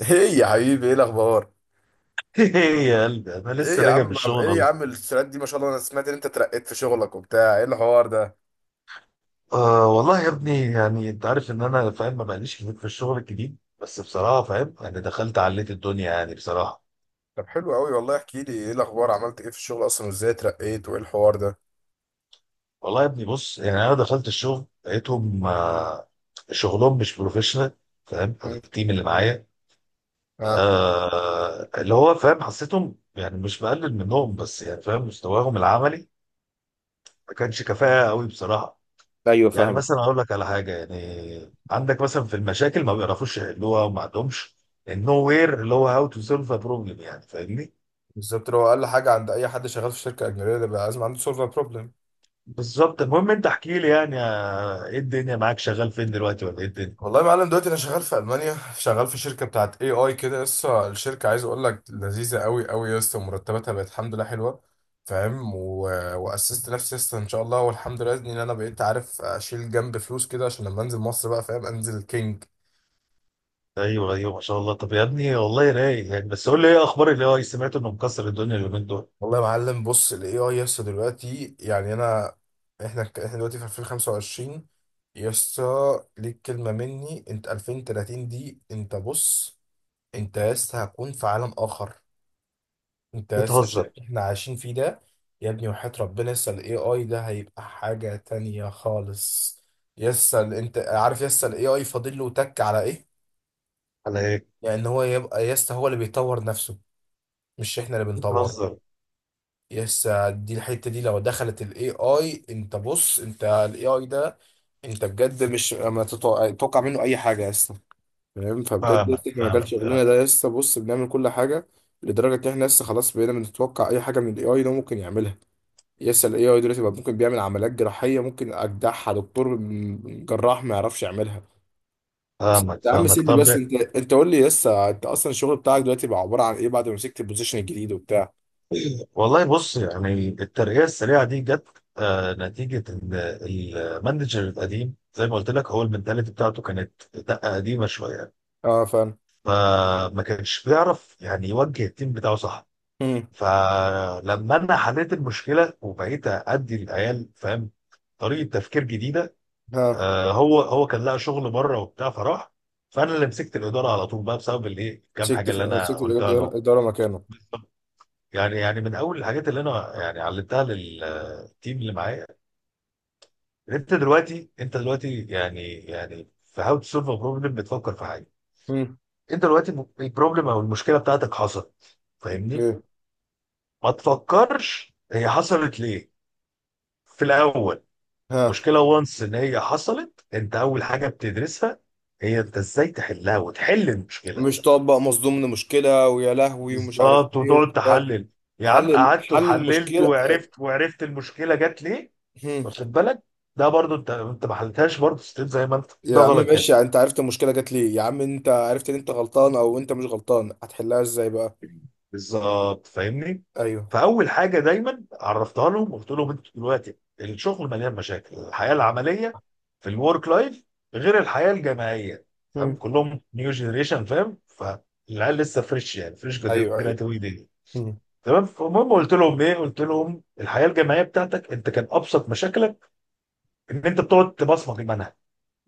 ايه يا حبيبي، ايه الاخبار؟ ايه يا قلبي، انا ايه لسه يا راجع من عم الشغل ايه يا اهو. عم السرعات دي ما شاء الله. انا سمعت ان انت ترقيت في شغلك وبتاع، ايه الحوار ده؟ آه والله يا ابني، يعني انت عارف ان انا فاهم ما بقاليش كتير في الشغل الجديد، بس بصراحه فاهم، يعني دخلت عليت الدنيا يعني بصراحه. طب حلو قوي والله، احكي لي ايه الاخبار، عملت ايه في الشغل اصلا وازاي ترقيت وايه الحوار ده؟ والله يا ابني بص، يعني انا دخلت الشغل لقيتهم شغلهم مش بروفيشنال. فاهم مم. التيم اللي معايا. اه. اللي هو فاهم، حسيتهم يعني مش بقلل منهم، بس يعني فاهم مستواهم العملي. ما كانش كفاءه قوي بصراحه. ايوه يعني فاهمك. مثلا اقول لك على حاجه، يعني عندك مثلا في المشاكل ما بيعرفوش يحلوها وما عندهمش النو وير، اللي هو هاو تو سولف ا بروبلم، يعني فاهمني؟ بالظبط، لو اقل حاجه عند اي حد شغال في شركه اجنبيه ده بقى لازم عنده سيرفر بروبلم. بالظبط، المهم انت احكي لي يعني ايه الدنيا معاك شغال فين دلوقتي ولا ايه الدنيا؟ والله يا معلم، دلوقتي انا شغال في المانيا، شغال في شركه بتاعت اي اي كده. لسه الشركه، عايز اقول لك، لذيذه قوي قوي، لسه مرتباتها بقت الحمد لله حلوه. فاهم و... واسست نفسي لسه ان شاء الله، والحمد لله ان انا بقيت عارف اشيل جنب فلوس كده، عشان لما انزل مصر بقى، فاهم، انزل كينج. ايوه ايوه ما شاء الله. طب يا ابني والله رايق يعني، بس قول لي ايه اخبار اللي هو سمعت انه مكسر الدنيا اليومين دول؟ والله يا معلم، بص الاي اي لسه دلوقتي، يعني انا احنا دلوقتي في 2025. يسا، ليك كلمه مني، انت 2030 دي، انت بص، انت لسه هتكون في عالم اخر. انت لسه شايف بتهزر؟ اللي احنا عايشين فيه ده يا ابني؟ وحياة ربنا لسه الاي اي ده هيبقى حاجة تانية خالص. لسه انت عارف لسه الاي اي فاضل له تك على ايه؟ على ايه؟ لان هو يبقى لسه هو اللي بيطور نفسه، مش احنا اللي بنطوره. بتهزر؟ لسه دي الحتة دي، لو دخلت الاي اي، انت بص، انت الاي اي ده انت بجد مش ما تتوقع تتوقع منه اي حاجة لسه، فاهم؟ فبجد فاهمك، لسه احنا مجال شغلنا فاهمك، ده لسه بص بنعمل كل حاجة، لدرجة ان احنا لسه خلاص بقينا بنتوقع اي حاجة من الاي اي ده ممكن يعملها. يسأل الاي اي دلوقتي بقى، ممكن بيعمل عمليات جراحية ممكن اجدعها دكتور جراح ما يعرفش يعملها. بس انت فاهمك، يا عم فاهمك. سيبني، طب. بس انت قول لي، يسا انت اصلا الشغل بتاعك دلوقتي بقى عبارة عن ايه بعد ما مسكت البوزيشن الجديد وبتاع؟ والله بص، يعني الترقية السريعة دي جت نتيجة إن المانجر القديم، زي ما قلت لك، هو المنتاليتي بتاعته كانت دقة قديمة شوية. اه فاهم. فما كانش بيعرف يعني يوجه التيم بتاعه صح. مم. فلما أنا حليت المشكلة وبقيت أدي للعيال، فاهم، طريقة تفكير جديدة. ها. هو كان لقى شغل بره وبتاع فراح. فأنا اللي مسكت الإدارة على طول بقى بسبب الإيه، كام حاجة اللي أنا مسكت قلتها الإدارة لهم. مكانه. يعني من أول الحاجات اللي أنا يعني علمتها للتيم اللي معايا. يعني انت دلوقتي يعني في هاو تو سولف بروبلم بتفكر في حاجه. مم. انت دلوقتي البروبلم او المشكله بتاعتك حصلت، فاهمني؟ ايه. ما تفكرش هي حصلت ليه في الاول. ها. مشكله وانس ان هي حصلت، انت اول حاجه بتدرسها هي انت ازاي تحلها وتحل المشكله. مش طبق، مصدوم من مشكلة ويا لهوي ومش عارف بالظبط، ايه وتقعد وبتاع. تحلل. يا عم قعدت حل وحللت المشكلة. وعرفت المشكله جت ليه. مم. واخد بالك؟ ده برضو انت ما حلتهاش برضو، ستيل زي ما انت، ده يا عم غلط جدا. ماشي، انت عرفت المشكله جات ليه يا عم، انت عرفت ان انت غلطان او انت مش غلطان، هتحلها ازاي بقى؟ بالظبط، فاهمني؟ ايوه. فاول حاجه دايما عرفتها لهم، وقلت لهم انتوا دلوقتي الشغل مليان مشاكل الحياه العمليه، في الورك لايف، غير الحياه الجامعيه. مم. فاهم، كلهم نيو جينيريشن. فاهم، فالعيال لسه فريش، يعني فريش ايوه ايوه. جراتويد دي. مم. تمام. فالمهم قلت لهم ايه، قلت لهم الحياه الجامعيه بتاعتك انت كان ابسط مشاكلك ان انت بتقعد تبصمج المنهج.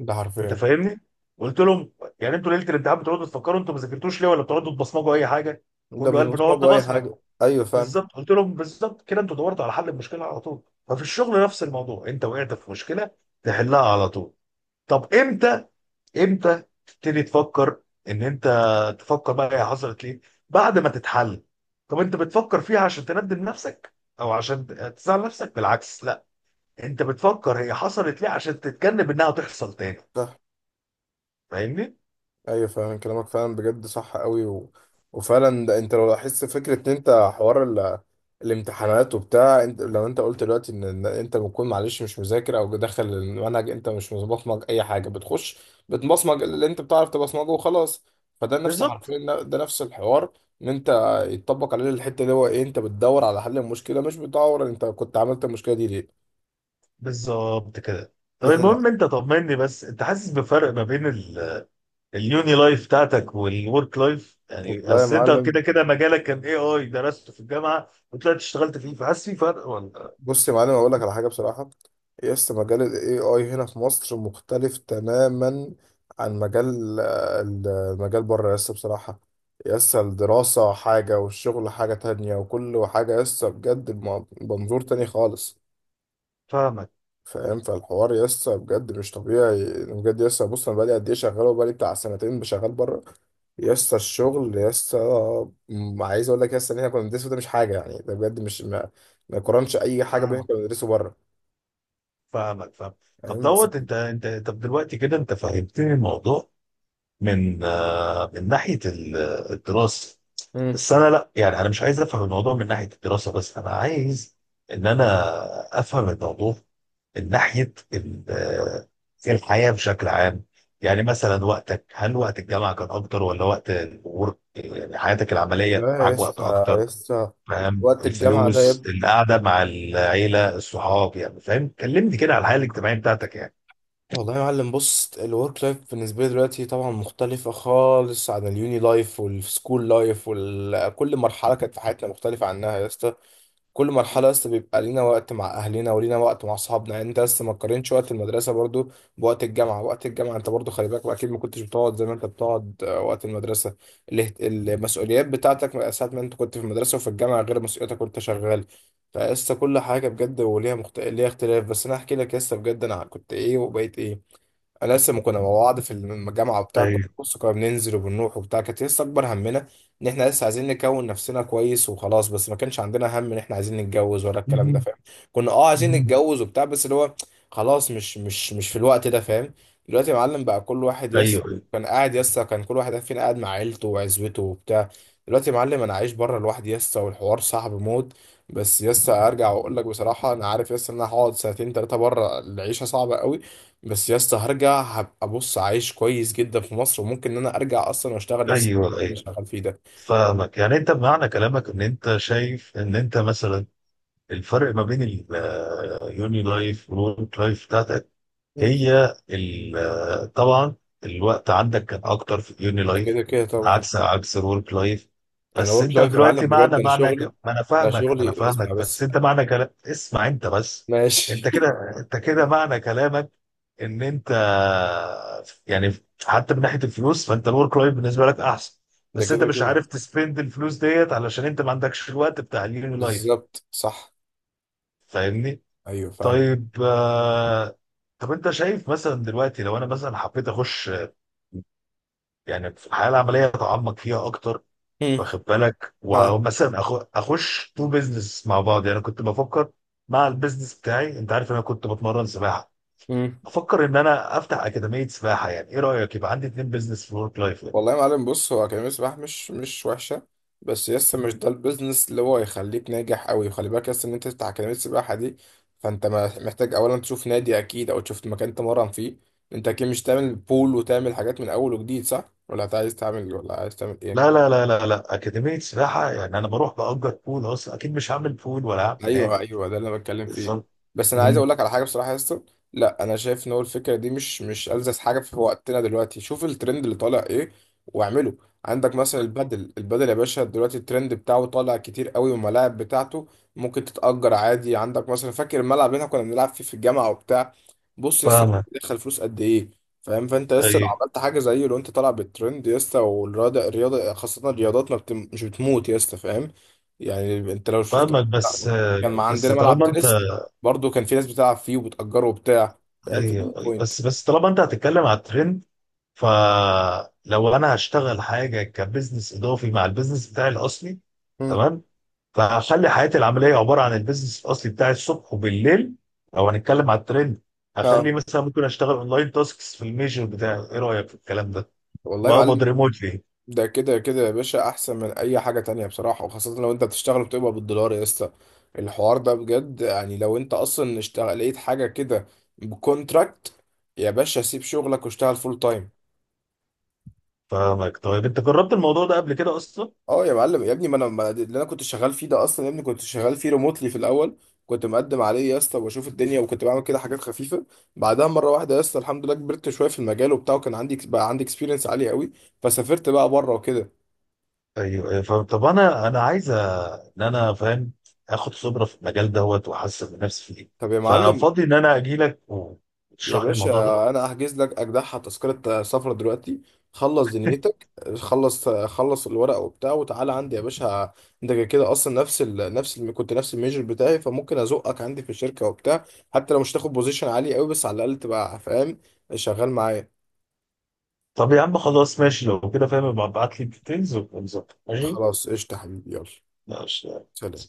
ده حرفيا. انت فاهمني؟ قلت لهم يعني، انتوا ليله الامتحان بتقعدوا تفكروا انتوا ما ذاكرتوش ليه، ولا بتقعدوا تبصمجوا اي حاجه؟ ده كله قال بنقعد بيمصمدوا اي نبصمج. حاجه. ايوه فعلا. بالظبط. قلت لهم بالظبط كده، انتوا دورتوا على حل المشكله على طول. ففي الشغل نفس الموضوع، انت وقعت في مشكله تحلها على طول. طب امتى تبتدي تفكر. ان انت تفكر بقى هي حصلت ليه؟ بعد ما تتحل. طب انت بتفكر فيها عشان تندم نفسك او عشان تزعل نفسك؟ بالعكس، لا. انت بتفكر هي حصلت ليه عشان تتجنب انها تحصل تاني. صح. فاهمني؟ ايوه فعلا كلامك فعلا بجد صح قوي و... وفعلا ده، انت لو لاحظت فكره ان انت حوار ال... الامتحانات وبتاع، انت لو انت قلت دلوقتي ان انت بتكون معلش مش مذاكر او داخل المنهج، انت مش مبصمج اي حاجه، بتخش بتبصمج اللي انت بتعرف تبصمجه وخلاص. فده نفس بالظبط، حرفيا ده نفس الحوار، ان انت يتطبق عليه الحته اللي هو ايه، انت بتدور على حل المشكله، مش بتدور انت كنت عملت المشكله دي ليه. بالظبط كده. طب احنا لا. المهم انت طمني بس، انت حاسس بفرق ما بين اليوني لايف بتاعتك والورك لايف، يعني والله يا اصل انت معلم كده كده مجالك كان اي اي درسته في الجامعه وطلعت اشتغلت فيه، فحاسس في فرق ولا؟ بص، يا معلم اقول لك على حاجه بصراحه، يس مجال الاي اي هنا في مصر مختلف تماما عن مجال، المجال بره، يس بصراحه. يس الدراسه حاجه والشغل حاجه تانية وكل حاجه، يس بجد بمنظور تاني مم. خالص. فاهمك، فاهم، فالحوار يا اسطى بجد مش طبيعي بجد يا اسطى. بص انا بقالي قد ايه شغال، وبقالي بتاع سنتين بشغال بره يا اسطى. الشغل يا اسطى، عايز اقول لك يا اسطى ان احنا كنا بندرسه ده مش حاجه، يعني ده بجد مش ما يقارنش اي حاجه باللي احنا فاهمك، كنا بندرسه بره. فاهمك، فاهم. فاهم بس. طب دلوقتي كده انت فهمتني الموضوع. من من ناحيه الدراسه. امم. بس انا لا، يعني انا مش عايز افهم الموضوع من ناحيه الدراسه بس، انا عايز ان انا افهم الموضوع ناحيه الحياه بشكل عام. يعني مثلا وقتك، هل وقت الجامعه كان اكتر ولا وقت الورك يعني حياتك العمليه، لا يا معاك وقت اسطى يا اكتر؟ اسطى، فاهم؟ وقت الجامعة ده يا الفلوس، ابني. القعده مع العيله، الصحاب، يعني فاهم، كلمني كده على الحياه الاجتماعيه بتاعتك يعني. والله يا معلم بص، الورك لايف بالنسبة لي دلوقتي طبعا مختلفة خالص عن اليوني لايف والسكول لايف، وكل مرحلة كانت في حياتنا مختلفة عنها يا اسطى. كل مرحلة لسه بيبقى لينا وقت مع أهلنا ولينا وقت مع أصحابنا، يعني أنت لسه ما تقارنش وقت المدرسة برضو بوقت الجامعة. وقت الجامعة أنت برضو خلي بالك أكيد ما كنتش بتقعد زي ما أنت بتقعد وقت المدرسة. المسؤوليات بتاعتك ساعة ما أنت كنت في المدرسة وفي الجامعة غير مسؤولياتك وأنت شغال. فلسه كل حاجة بجد وليها ليها اختلاف. بس أنا أحكي لك لسه بجد أنا كنت إيه وبقيت إيه. انا لسه ما كنا مع بعض في الجامعه وبتاع، كنا ايوه. بص كنا بننزل وبنروح وبتاع، كانت لسه اكبر همنا ان احنا لسه عايزين نكون نفسنا كويس وخلاص. بس ما كانش عندنا هم ان احنا عايزين نتجوز ولا الكلام ده، مهم. فاهم؟ كنا عايزين مهم. نتجوز وبتاع، بس اللي هو خلاص مش مش في الوقت ده، فاهم؟ دلوقتي يا معلم بقى، كل واحد يس ايوه، كان قاعد، يس كان كل واحد فينا قاعد مع عيلته وعزوته وبتاع. دلوقتي يا معلم انا عايش بره لوحدي يس، والحوار صعب موت. بس يس ارجع واقول لك بصراحه، انا عارف يس ان انا هقعد سنتين ثلاثه بره، العيشه صعبه قوي. بس يا اسطى هرجع هبقى بص عايش كويس جدا في مصر، وممكن ان انا ارجع اصلا واشتغل نفس اللي ايوه، انا ايوه، شغال فيه ده. فاهمك. يعني انت بمعنى كلامك ان انت شايف ان انت مثلا الفرق ما بين اليوني لايف والورك لايف بتاعتك. مم. هي طبعا الوقت عندك كان اكتر في اليوني ده كده لايف. كده طبعا. عكس الورك لايف. انا بس ورك انت لايف يا دلوقتي معلم بجد، ما انا انا فاهمك شغلي اسمع بس بس. انت معنى كلام، اسمع انت بس. انت ماشي كده انت كده معنى كلامك. ان انت يعني، حتى من ناحيه الفلوس، فانت الورك لايف بالنسبه لك احسن. ده بس انت كده مش كده. عارف تسبند الفلوس ديت علشان انت ما عندكش الوقت بتاع اليوني لايف. بالظبط صح. فاهمني؟ ايوه فاهم. طيب، طب انت شايف مثلا دلوقتي لو انا مثلا حبيت اخش يعني في الحياه العمليه اتعمق فيها اكتر. مم. واخد بالك؟ ومثلا اخش تو بيزنس مع بعض، يعني كنت بفكر. مع البيزنس بتاعي، انت عارف انا كنت بتمرن سباحه. ها. بفكر ان انا افتح اكاديميه سباحه، يعني ايه رايك؟ يبقى عندي اتنين بيزنس في ورك لايف. والله يا معلم بص، هو كلمة سباح مش وحشة، بس يس مش ده البيزنس اللي هو يخليك ناجح أوي. وخلي بالك يس إن أنت تفتح أكاديمية سباحة دي، فأنت محتاج أولا تشوف نادي أكيد، أو تشوف مكان تمرن فيه. أنت أكيد مش تعمل بول وتعمل حاجات من أول وجديد، صح؟ ولا أنت عايز تعمل، ولا عايز تعمل لا، إيه؟ لا، لا، لا، لا، اكاديميه سباحه يعني، انا بروح باجر بول اصلا، اكيد مش هعمل بول ولا هعمل ايوه نادي. ايوه، ده اللي انا بتكلم فيه. بالظبط. بس انا عايز مم. اقول لك على حاجه بصراحه يا اسطى، لا انا شايف ان هو الفكره دي مش ألذذ حاجه في وقتنا دلوقتي. شوف الترند اللي طالع ايه واعمله. عندك مثلا البدل البدل يا باشا، دلوقتي الترند بتاعه طالع كتير قوي والملاعب بتاعته ممكن تتأجر عادي. عندك مثلا، فاكر الملعب اللي احنا كنا بنلعب فيه في الجامعه وبتاع؟ بص لسه فاهمه. دخل فلوس قد ايه. فاهم، فانت لسه لو ايوه عملت حاجه زيه، لو انت طالع بالترند يا اسطى، والرياضه الرياضه خاصه، الرياضات ما بتم... مش بتموت يا اسطى، فاهم؟ يعني انت لو شفت فاهمك، بس كان ما بس عندنا ملعب طالما انت تنس، برضو كان في ناس بتلعب فيه وبتأجره وبتاع. فاهم، في دي أيوة، أيوة، بوينت. بس طالما انت هتتكلم على الترند. فلو انا هشتغل حاجه كبزنس اضافي مع البزنس بتاعي الاصلي. مم. تمام. فهخلي حياتي العمليه عباره عن البزنس الاصلي بتاعي الصبح وبالليل. لو هنتكلم على الترند، هخلي ها. مثلا ممكن اشتغل اونلاين تاسكس في الميجر بتاعي. ايه رايك في الكلام ده؟ والله يا معلم، وهقبض ريموتلي. ده كده كده يا باشا احسن من اي حاجه تانية بصراحه، وخاصه لو انت بتشتغل وبتقبض بالدولار يا اسطى. الحوار ده بجد، يعني لو انت اصلا اشتغل لقيت حاجه كده بكونتراكت، يا باشا سيب شغلك واشتغل فول تايم. فاهمك. طيب انت جربت الموضوع ده قبل كده اصلا؟ اه يا معلم يا ابني، ما انا ما اللي انا كنت شغال فيه ده اصلا يا ابني، كنت شغال فيه ريموتلي في الاول. كنت مقدم عليه يا اسطى واشوف الدنيا، وكنت بعمل كده حاجات خفيفه. بعدها مره واحده يا اسطى، الحمد لله، كبرت شويه في المجال وبتاع، وكان عندي بقى، عندي اكسبيرينس عالي قوي، فسافرت بقى بره وكده. ايوه. أيوة، فاهم. طب انا عايز ان انا فاهم. اخد خبره في المجال دوت، واحسن من نفسي فيه. طب يا معلم، ففاضي ان انا اجي لك يا وتشرح لي باشا الموضوع ده. انا احجز لك اجدعها تذكره سفر دلوقتي. خلص دنيتك، خلص خلص الورق وبتاع، وتعالى عندي يا باشا. انت كده كده اصلا كنت نفس الميجر بتاعي، فممكن ازقك عندي في الشركه وبتاع. حتى لو مش تاخد بوزيشن عالي قوي، بس على الاقل تبقى فاهم، شغال معايا. طب يا عم خلاص، ماشي لو كده فاهم، ابقى ابعت لي الديتيلز ونظبط. ماشي، خلاص قشطه حبيبي، يلا. ماشي. سلام.